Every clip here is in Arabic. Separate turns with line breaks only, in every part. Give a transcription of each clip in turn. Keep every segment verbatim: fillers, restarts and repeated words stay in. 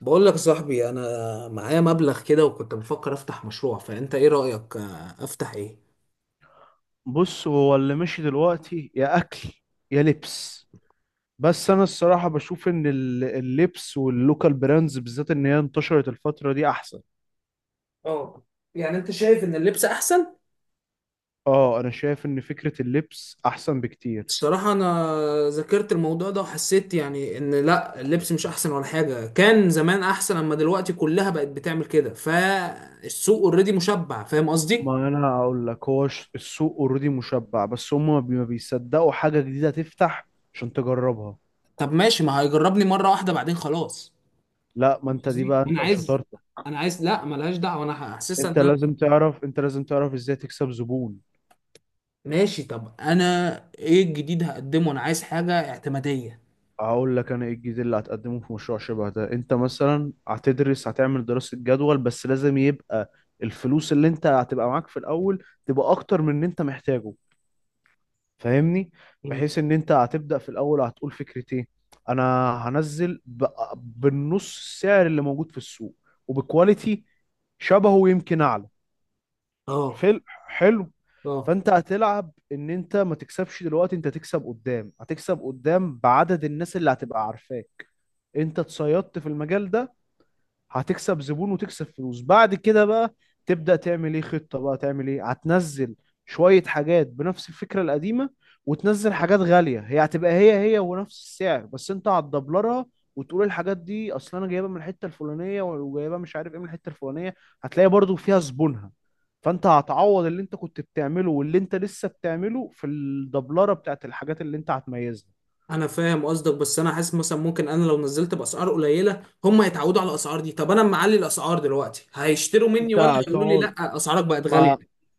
بقول لك يا صاحبي، انا معايا مبلغ كده، وكنت بفكر افتح مشروع. فانت ايه رأيك؟ آه، افتح ايه؟
بص هو اللي ماشي دلوقتي يا اكل يا لبس. بس انا الصراحه بشوف ان ال- اللبس واللوكال براندز بالذات ان هي انتشرت الفتره دي احسن.
اه. يعني انت شايف ان اللبس احسن؟
اه انا شايف ان فكره اللبس احسن بكتير.
الصراحة انا ذاكرت الموضوع ده وحسيت يعني ان لا اللبس مش احسن ولا حاجة. كان زمان احسن، اما دلوقتي كلها بقت بتعمل كده. فالسوق اوريدي مشبع، فاهم قصدي؟
ما انا هقول لك هو ش- السوق اوريدي مشبع، بس هم ما بي- ما بيصدقوا حاجه جديده تفتح عشان تجربها.
طب ماشي، ما هيجربني مرة واحدة بعدين خلاص.
لا، ما
فاهم
انت دي
قصدي.
بقى
انا
انت
عايز،
وشطارتك.
انا عايز لا ملهاش دعوة، انا حاسسها
انت
ان.
لازم تعرف، انت لازم تعرف ازاي تكسب زبون.
ماشي طب انا. ايه الجديد هقدمه؟ انا عايز حاجه اعتماديه.
هقول لك انا ايه الجديد اللي هتقدمه في مشروع شبه ده. انت مثلا هتدرس، هتعمل دراسة جدول، بس لازم يبقى الفلوس اللي انت هتبقى معاك في الاول تبقى اكتر من اللي انت محتاجه. فاهمني؟
مم.
بحيث ان انت هتبدأ في الاول هتقول فكرتين. انا هنزل ب- بالنص السعر اللي موجود في السوق، وبكواليتي شبهه ويمكن اعلى.
اه،
حلو حلو.
اه،
فانت هتلعب ان انت ما تكسبش دلوقتي، انت تكسب قدام. هتكسب قدام بعدد الناس اللي هتبقى عارفاك. انت اتصيدت في المجال ده، هتكسب زبون وتكسب فلوس. بعد كده بقى تبدأ تعمل ايه خطة، بقى تعمل ايه. هتنزل شوية حاجات بنفس الفكرة القديمة، وتنزل حاجات غالية هي هتبقى هي هي ونفس السعر بس انت هتدبلرها. وتقول الحاجات دي اصل انا جايبها من الحتة الفلانية، وجايبها مش عارف ايه من الحتة الفلانية. هتلاقي برضو فيها زبونها. فانت هتعوض اللي انت كنت بتعمله واللي انت لسه بتعمله في الدبلرة بتاعت الحاجات اللي انت هتميزها.
انا فاهم قصدك، بس انا حاسس مثلا ممكن انا لو نزلت باسعار قليله هم هيتعودوا على الاسعار دي. طب انا أما معلي الاسعار دلوقتي، هيشتروا مني
انت
ولا هيقولوا لي
هتقعد،
لا اسعارك بقت غاليه؟
ما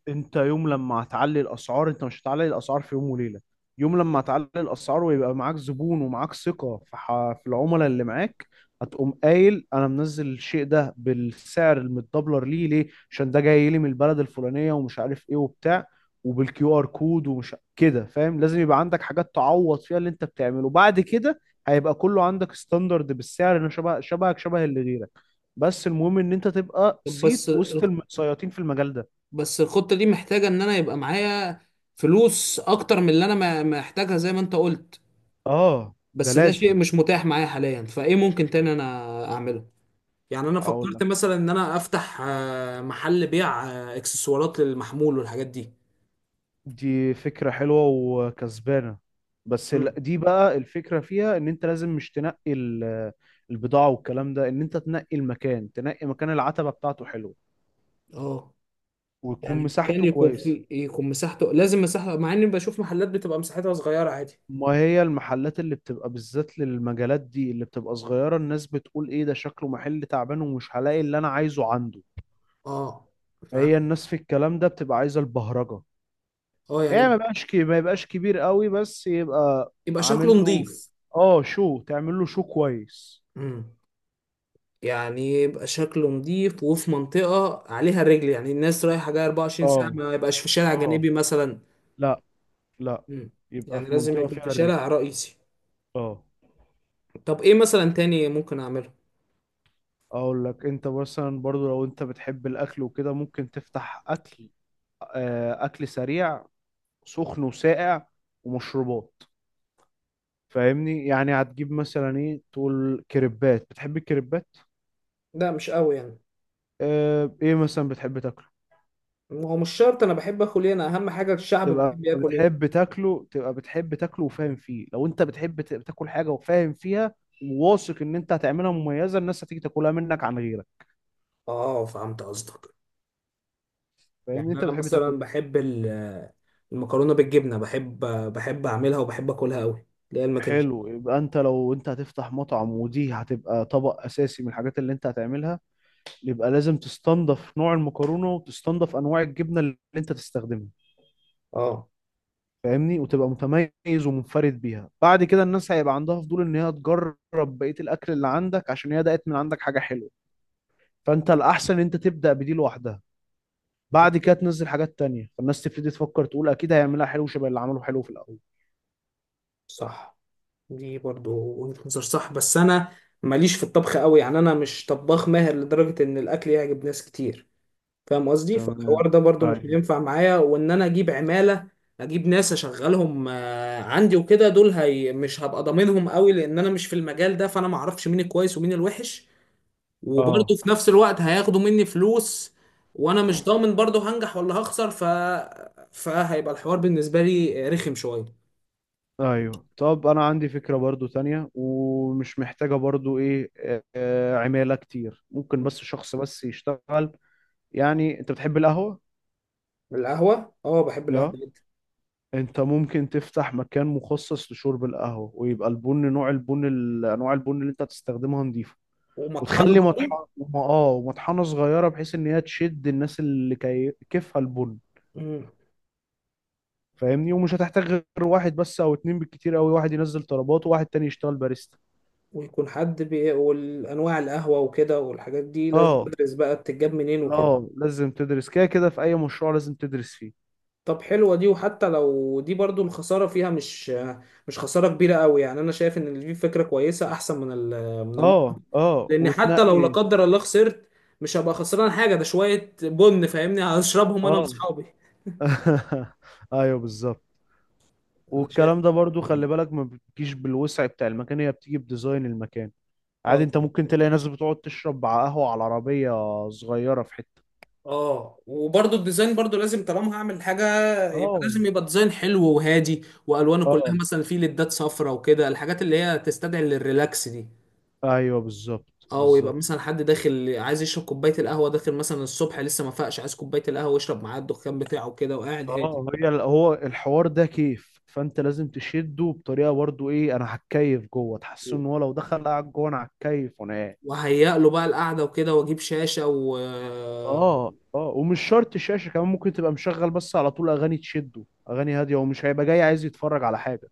انت يوم لما هتعلي الاسعار انت مش هتعلي الاسعار في يوم وليله. يوم لما هتعلي الاسعار ويبقى معاك زبون ومعاك ثقه في ح... في العملاء اللي معاك، هتقوم قايل انا منزل الشيء ده بالسعر المتدبلر ليه، ليه؟ عشان ده جاي لي من البلد الفلانيه ومش عارف ايه وبتاع، وبالكيو ار كود ومش كده. فاهم؟ لازم يبقى عندك حاجات تعوض فيها اللي انت بتعمله بعد كده. هيبقى كله عندك ستاندرد بالسعر انه شبه شبهك شبه اللي غيرك، بس المهم ان انت تبقى
طب بس
صيت وسط
الخ-
المتسيطين في المجال ده.
بس الخطة دي محتاجة ان انا يبقى معايا فلوس اكتر من اللي انا ما- محتاجها، زي ما انت قلت.
اه ده
بس ده شيء
لازم.
مش متاح معايا حاليا. فايه ممكن تاني انا اعمله؟ يعني انا
اقول
فكرت
لك،
مثلا ان انا افتح آه، محل بيع آه، اكسسوارات للمحمول والحاجات دي.
دي فكرة حلوة وكسبانة. بس ال-
امم،
دي بقى الفكرة فيها ان انت لازم مش تنقي ال- البضاعة والكلام ده، ان انت تنقي المكان، تنقي مكان العتبة بتاعته حلوة،
اه.
ويكون
يعني مكان
مساحته
يكون
كويسة.
فيه، يكون مساحته لازم مساحة، مع اني بشوف محلات بتبقى مساحتها صغيرة عادي.
ما هي المحلات اللي بتبقى بالذات للمجالات دي اللي بتبقى صغيرة الناس بتقول ايه ده، شكله محل تعبان ومش هلاقي اللي انا عايزه عنده.
اه،
هي
فاهم.
الناس في الكلام ده بتبقى عايزة البهرجة.
اه، يعني
ايه، ما يبقاش كي- ما يبقاش كبير قوي بس يبقى
يبقى شكله
عامل له،
نظيف.
اه شو تعمل له شو كويس.
امم يعني يبقى شكله نظيف، وفي منطقة عليها رجل، يعني الناس رايحة جاية 24 ساعة،
اه،
ما يبقاش في شارع
اه.
جانبي مثلا.
لا، لا،
امم
يبقى
يعني
في
لازم
منطقة
يكون
فيها
في
الرجل.
شارع رئيسي.
اه.
طب ايه مثلا تاني ممكن اعمله؟
اقول لك، انت مثلا برضو لو انت بتحب الاكل وكده ممكن تفتح اكل، آه، اكل سريع، سخن وساقع، ومشروبات. فاهمني؟ يعني هتجيب مثلا ايه، تقول كريبات، بتحب الكريبات؟
لا، مش قوي يعني.
آه، ايه مثلا بتحب تاكل؟
هو مش شرط انا بحب اكل ايه، انا اهم حاجه الشعب
تبقى
بيحب ياكل
بتحب
ايه.
تاكله، تبقى بتحب تاكله وفاهم فيه. لو انت بتحب ت- تاكل حاجه وفاهم فيها وواثق ان انت هتعملها مميزه، الناس هتيجي تاكلها منك عن غيرك.
اه، فهمت قصدك. يعني
فاهمني؟ انت
انا
بتحب تاكل
مثلا
ايه؟
بحب ال- المكرونه بالجبنه. بحب بحب اعملها وبحب اكلها قوي، اللي هي المكنش.
حلو. يبقى انت لو انت هتفتح مطعم ودي هتبقى طبق اساسي من الحاجات اللي انت هتعملها، يبقى لازم تستنضف نوع المكرونه وتستنضف انواع الجبنه اللي انت تستخدمها.
اه،
فاهمني؟ وتبقى متميز ومنفرد بيها. بعد كده الناس هيبقى عندها فضول ان هي تجرب بقيه الاكل اللي عندك عشان هي دقت من عندك حاجه حلوه. فانت الاحسن ان انت تبدا بدي لوحدها، بعد كده تنزل حاجات تانية، فالناس تبتدي تفكر تقول اكيد هيعملها حلو شبه اللي عمله حلو في الاول.
صح. دي برضو وجهة نظر صح، بس انا ماليش في الطبخ قوي. يعني انا مش طباخ ماهر لدرجه ان الاكل يعجب ناس كتير. فاهم قصدي؟ فالحوار
تمام.
ده برضو مش
ايوه.
هينفع معايا، وان انا اجيب عماله، اجيب ناس اشغلهم آه، عندي وكده، دول هي مش هبقى ضامنهم قوي لان انا مش في المجال ده، فانا ما اعرفش مين الكويس ومين الوحش. وبرضو
اه.
في نفس الوقت هياخدوا مني فلوس، وانا مش ضامن برضو هنجح ولا هخسر. ف فهيبقى الحوار بالنسبه لي رخم شويه.
ايوه، طب انا عندي فكرة برضو تانية ومش محتاجة برضو ايه، آه، عمالة كتير. ممكن بس شخص بس يشتغل. يعني انت بتحب القهوة؟
القهوه؟ اه، بحب القهوه
اه.
جدا.
انت ممكن تفتح مكان مخصص لشرب القهوة ويبقى البن، نوع البن، ال- انواع البن اللي انت هتستخدمها نضيفة،
ومطحنه
وتخلي
برضو.
مطحنه. اه مطحنه صغيره بحيث ان هي تشد الناس اللي كي... كيفها البن.
مم.
فاهمني؟ ومش هتحتاج غير واحد بس او اتنين بالكتير قوي، واحد ينزل طلبات وواحد تاني يشتغل باريستا.
ويكون حد بي... والانواع القهوه وكده والحاجات دي لازم
اه.
ادرس بقى بتتجاب منين وكده.
اه لازم تدرس، كده كده في اي مشروع لازم تدرس فيه.
طب حلوة دي. وحتى لو دي برضو الخسارة فيها مش مش خسارة كبيرة قوي، يعني أنا شايف إن دي فكرة كويسة أحسن من ال من الم...
اه، اه
لأن حتى لو
وتنقي.
لا قدر الله خسرت، مش هبقى خسران حاجة، ده شوية بن فاهمني، هشربهم أنا
اه.
وأصحابي.
ايوه بالظبط.
أنا شايف.
والكلام ده برضو خلي بالك، ما بتجيش بالوسع بتاع المكان، هي بتيجي بديزاين المكان. عادي
اه،
انت ممكن تلاقي ناس بتقعد تشرب قهوة على عربية صغيرة في حتة.
اه. وبرضو الديزاين برضو لازم، طالما هعمل حاجه يبقى
اه.
لازم يبقى ديزاين حلو وهادي، والوانه
اه.
كلها مثلا فيه ليدات صفرا وكده، الحاجات اللي هي تستدعي للريلاكس دي.
ايوه بالظبط،
او يبقى
بالظبط.
مثلا حد داخل عايز يشرب كوبايه القهوه، داخل مثلا الصبح لسه ما فاقش، عايز كوبايه القهوه يشرب معاه الدخان بتاعه كده وقاعد هادي.
اه، هي ال- هو الحوار ده كيف، فانت لازم تشده بطريقه برضو ايه، انا هتكيف جوه، تحس ان هو لو دخل قاعد جوه، انا هتكيف وانا قاعد.
وهيئ له بقى القعده وكده، واجيب شاشه.
اه، اه. ومش شرط الشاشه، كمان ممكن تبقى مشغل بس على طول اغاني تشده، اغاني هاديه، ومش هيبقى جاي عايز يتفرج على حاجه.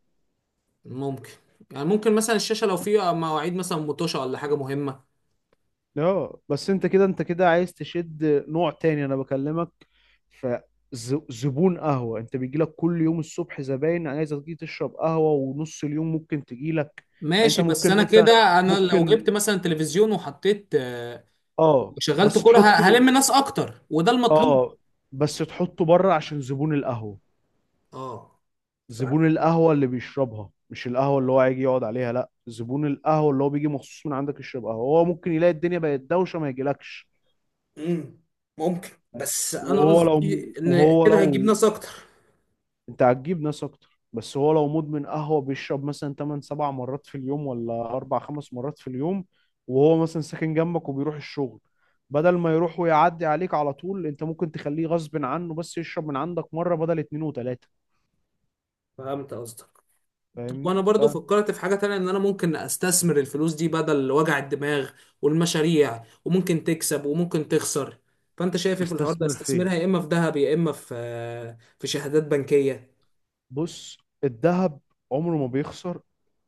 وممكن، يعني ممكن مثلا الشاشه لو فيها مواعيد مثلا متوشه ولا حاجه مهمه.
اه، بس انت كده، انت كده عايز تشد نوع تاني، انا بكلمك فزبون قهوة انت بيجيلك كل يوم الصبح زباين عايزة تيجي تشرب قهوة، ونص اليوم ممكن تجيلك. انت
ماشي، بس
ممكن
انا
مثلا،
كده، انا لو
ممكن،
جبت مثلا تلفزيون وحطيت آه،
اه
وشغلت
بس
كوره، ه-
تحطه.
هلم ناس اكتر، وده المطلوب.
اه بس تحطه بره عشان زبون القهوة.
اه. ف...
زبون القهوة اللي بيشربها، مش القهوة اللي هو هيجي يقعد عليها، لا، زبون القهوة اللي هو بيجي مخصوص من عندك يشرب قهوة، هو ممكن يلاقي الدنيا بقت دوشة ما يجيلكش.
مم. ممكن، بس انا
وهو
قصدي
لو
ان
وهو
كده هتجيب
لو
ناس اكتر.
انت هتجيب ناس اكتر، بس هو لو مدمن قهوة بيشرب مثلا تمن سبع مرات في اليوم ولا أربعة خمس مرات في اليوم، وهو مثلا ساكن جنبك وبيروح الشغل، بدل ما يروح ويعدي عليك على طول انت ممكن تخليه غصب عنه بس يشرب من عندك مرة بدل اتنين وتلاتة.
فهمت قصدك. طب
فاهمني؟
وانا برضو فكرت في حاجة تانية، ان انا ممكن استثمر الفلوس دي بدل وجع الدماغ والمشاريع، وممكن تكسب وممكن تخسر. فانت شايف إيه في الحوار ده؟
فتستثمر فين؟
استثمرها يا اما في ذهب يا اما في، في شهادات بنكية.
بص، الذهب عمره ما بيخسر،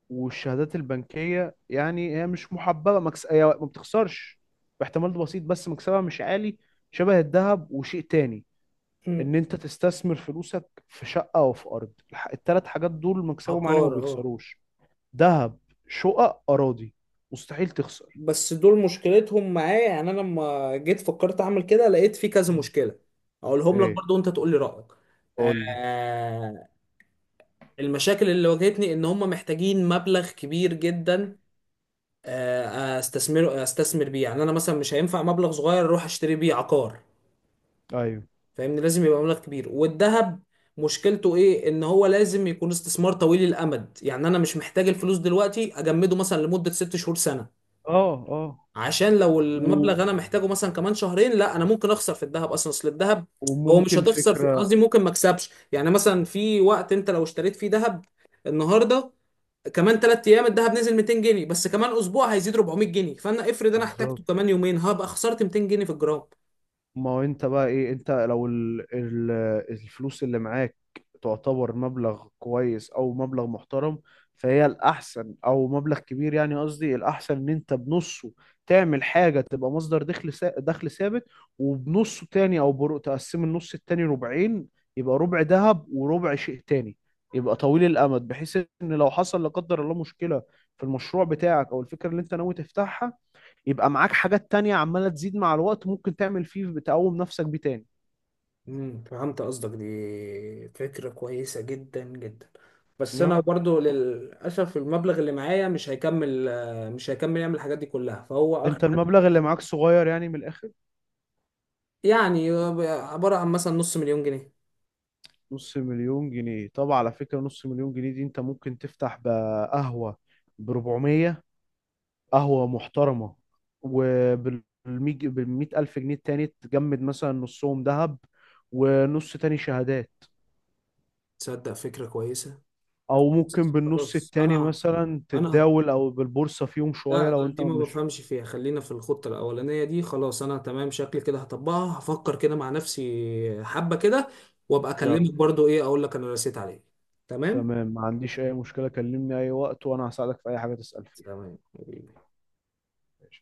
والشهادات البنكية يعني هي مش محببة، مكس... هي ما بتخسرش باحتمال بسيط، بس مكسبها مش عالي، شبه الذهب. وشيء تاني،
مم.
ان انت تستثمر فلوسك في شقه او في ارض. الح- التلات حاجات دول مكسبهم عالي وما
عقار، اه.
بيخسروش. ذهب، شقق، اراضي، مستحيل تخسر.
بس دول مشكلتهم معايا. يعني انا لما جيت فكرت اعمل كده لقيت في كذا
مم.
مشكله. اقولهم لك
ايه،
برضو وانت تقول لي رايك.
قول لي.
آه المشاكل اللي واجهتني ان هم محتاجين مبلغ كبير جدا آه، استثمره استثمر بيه. يعني انا مثلا مش هينفع مبلغ صغير اروح اشتري بيه عقار.
ايوه.
فاهمني، لازم يبقى مبلغ كبير. والذهب مشكلته ايه؟ ان هو لازم يكون استثمار طويل الامد، يعني انا مش محتاج الفلوس دلوقتي اجمده مثلا لمدة ست شهور، سنة،
اه. اه.
عشان لو
و...
المبلغ انا محتاجه مثلا كمان شهرين، لا، انا ممكن اخسر في الذهب اصلا. اصل الذهب هو مش
وممكن
هتخسر في،
فكره.
قصدي ممكن ما اكسبش. يعني مثلا في وقت انت لو اشتريت فيه ذهب النهارده، كمان ثلاث ايام الذهب نزل ميتين جنيه، بس كمان اسبوع هيزيد اربعمية جنيه، فانا افرض انا احتاجته
بالظبط.
كمان يومين هبقى خسرت ميتين جنيه في الجرام.
ما هو انت بقى ايه، انت لو ال... ال... الفلوس اللي معاك تعتبر مبلغ كويس او مبلغ محترم، فهي الاحسن، او مبلغ كبير يعني، قصدي الاحسن ان انت بنصه تعمل حاجة تبقى مصدر دخل سا... دخل ثابت، وبنصه تاني او بر... تقسم النص التاني ربعين، يبقى ربع ذهب وربع شيء تاني يبقى طويل الامد، بحيث ان لو حصل لا قدر الله مشكلة في المشروع بتاعك او الفكرة اللي انت ناوي تفتحها، يبقى معاك حاجات تانية عمالة تزيد مع الوقت، ممكن تعمل فيه بتقوم نفسك بيه تاني.
امم فهمت قصدك. دي فكرة كويسة جدا جدا. بس انا
اه.
برضو للاسف المبلغ اللي معايا مش هيكمل آه، مش هيكمل يعمل الحاجات دي كلها، فهو اخر
انت
حاجة.
المبلغ اللي معاك صغير يعني من الاخر.
يعني عبارة عن مثلا نص مليون جنيه.
نص مليون جنيه؟ طب على فكرة نص مليون جنيه دي انت ممكن تفتح بقهوة ب أربعمية، قهوة محترمة، وبال مئة ألف جنيه التاني تجمد مثلا نصهم ذهب ونص تاني شهادات.
تصدق فكرة كويسة.
او ممكن بالنص
خلاص،
التاني
انا
مثلا
انا
تتداول او بالبورصة فيهم
لا،
شوية لو
لا،
انت
دي ما
مش.
بفهمش فيها. خلينا في الخطة الأولانية دي خلاص. أنا تمام، شكلي كده هطبقها، هفكر كده مع نفسي حبة كده، وأبقى أكلمك برضو إيه أقول لك أنا رسيت عليه. تمام؟
تمام، ما عنديش أي مشكلة، كلمني أي وقت وأنا هساعدك في أي حاجة تسأل فيها.
تمام.
ماشي.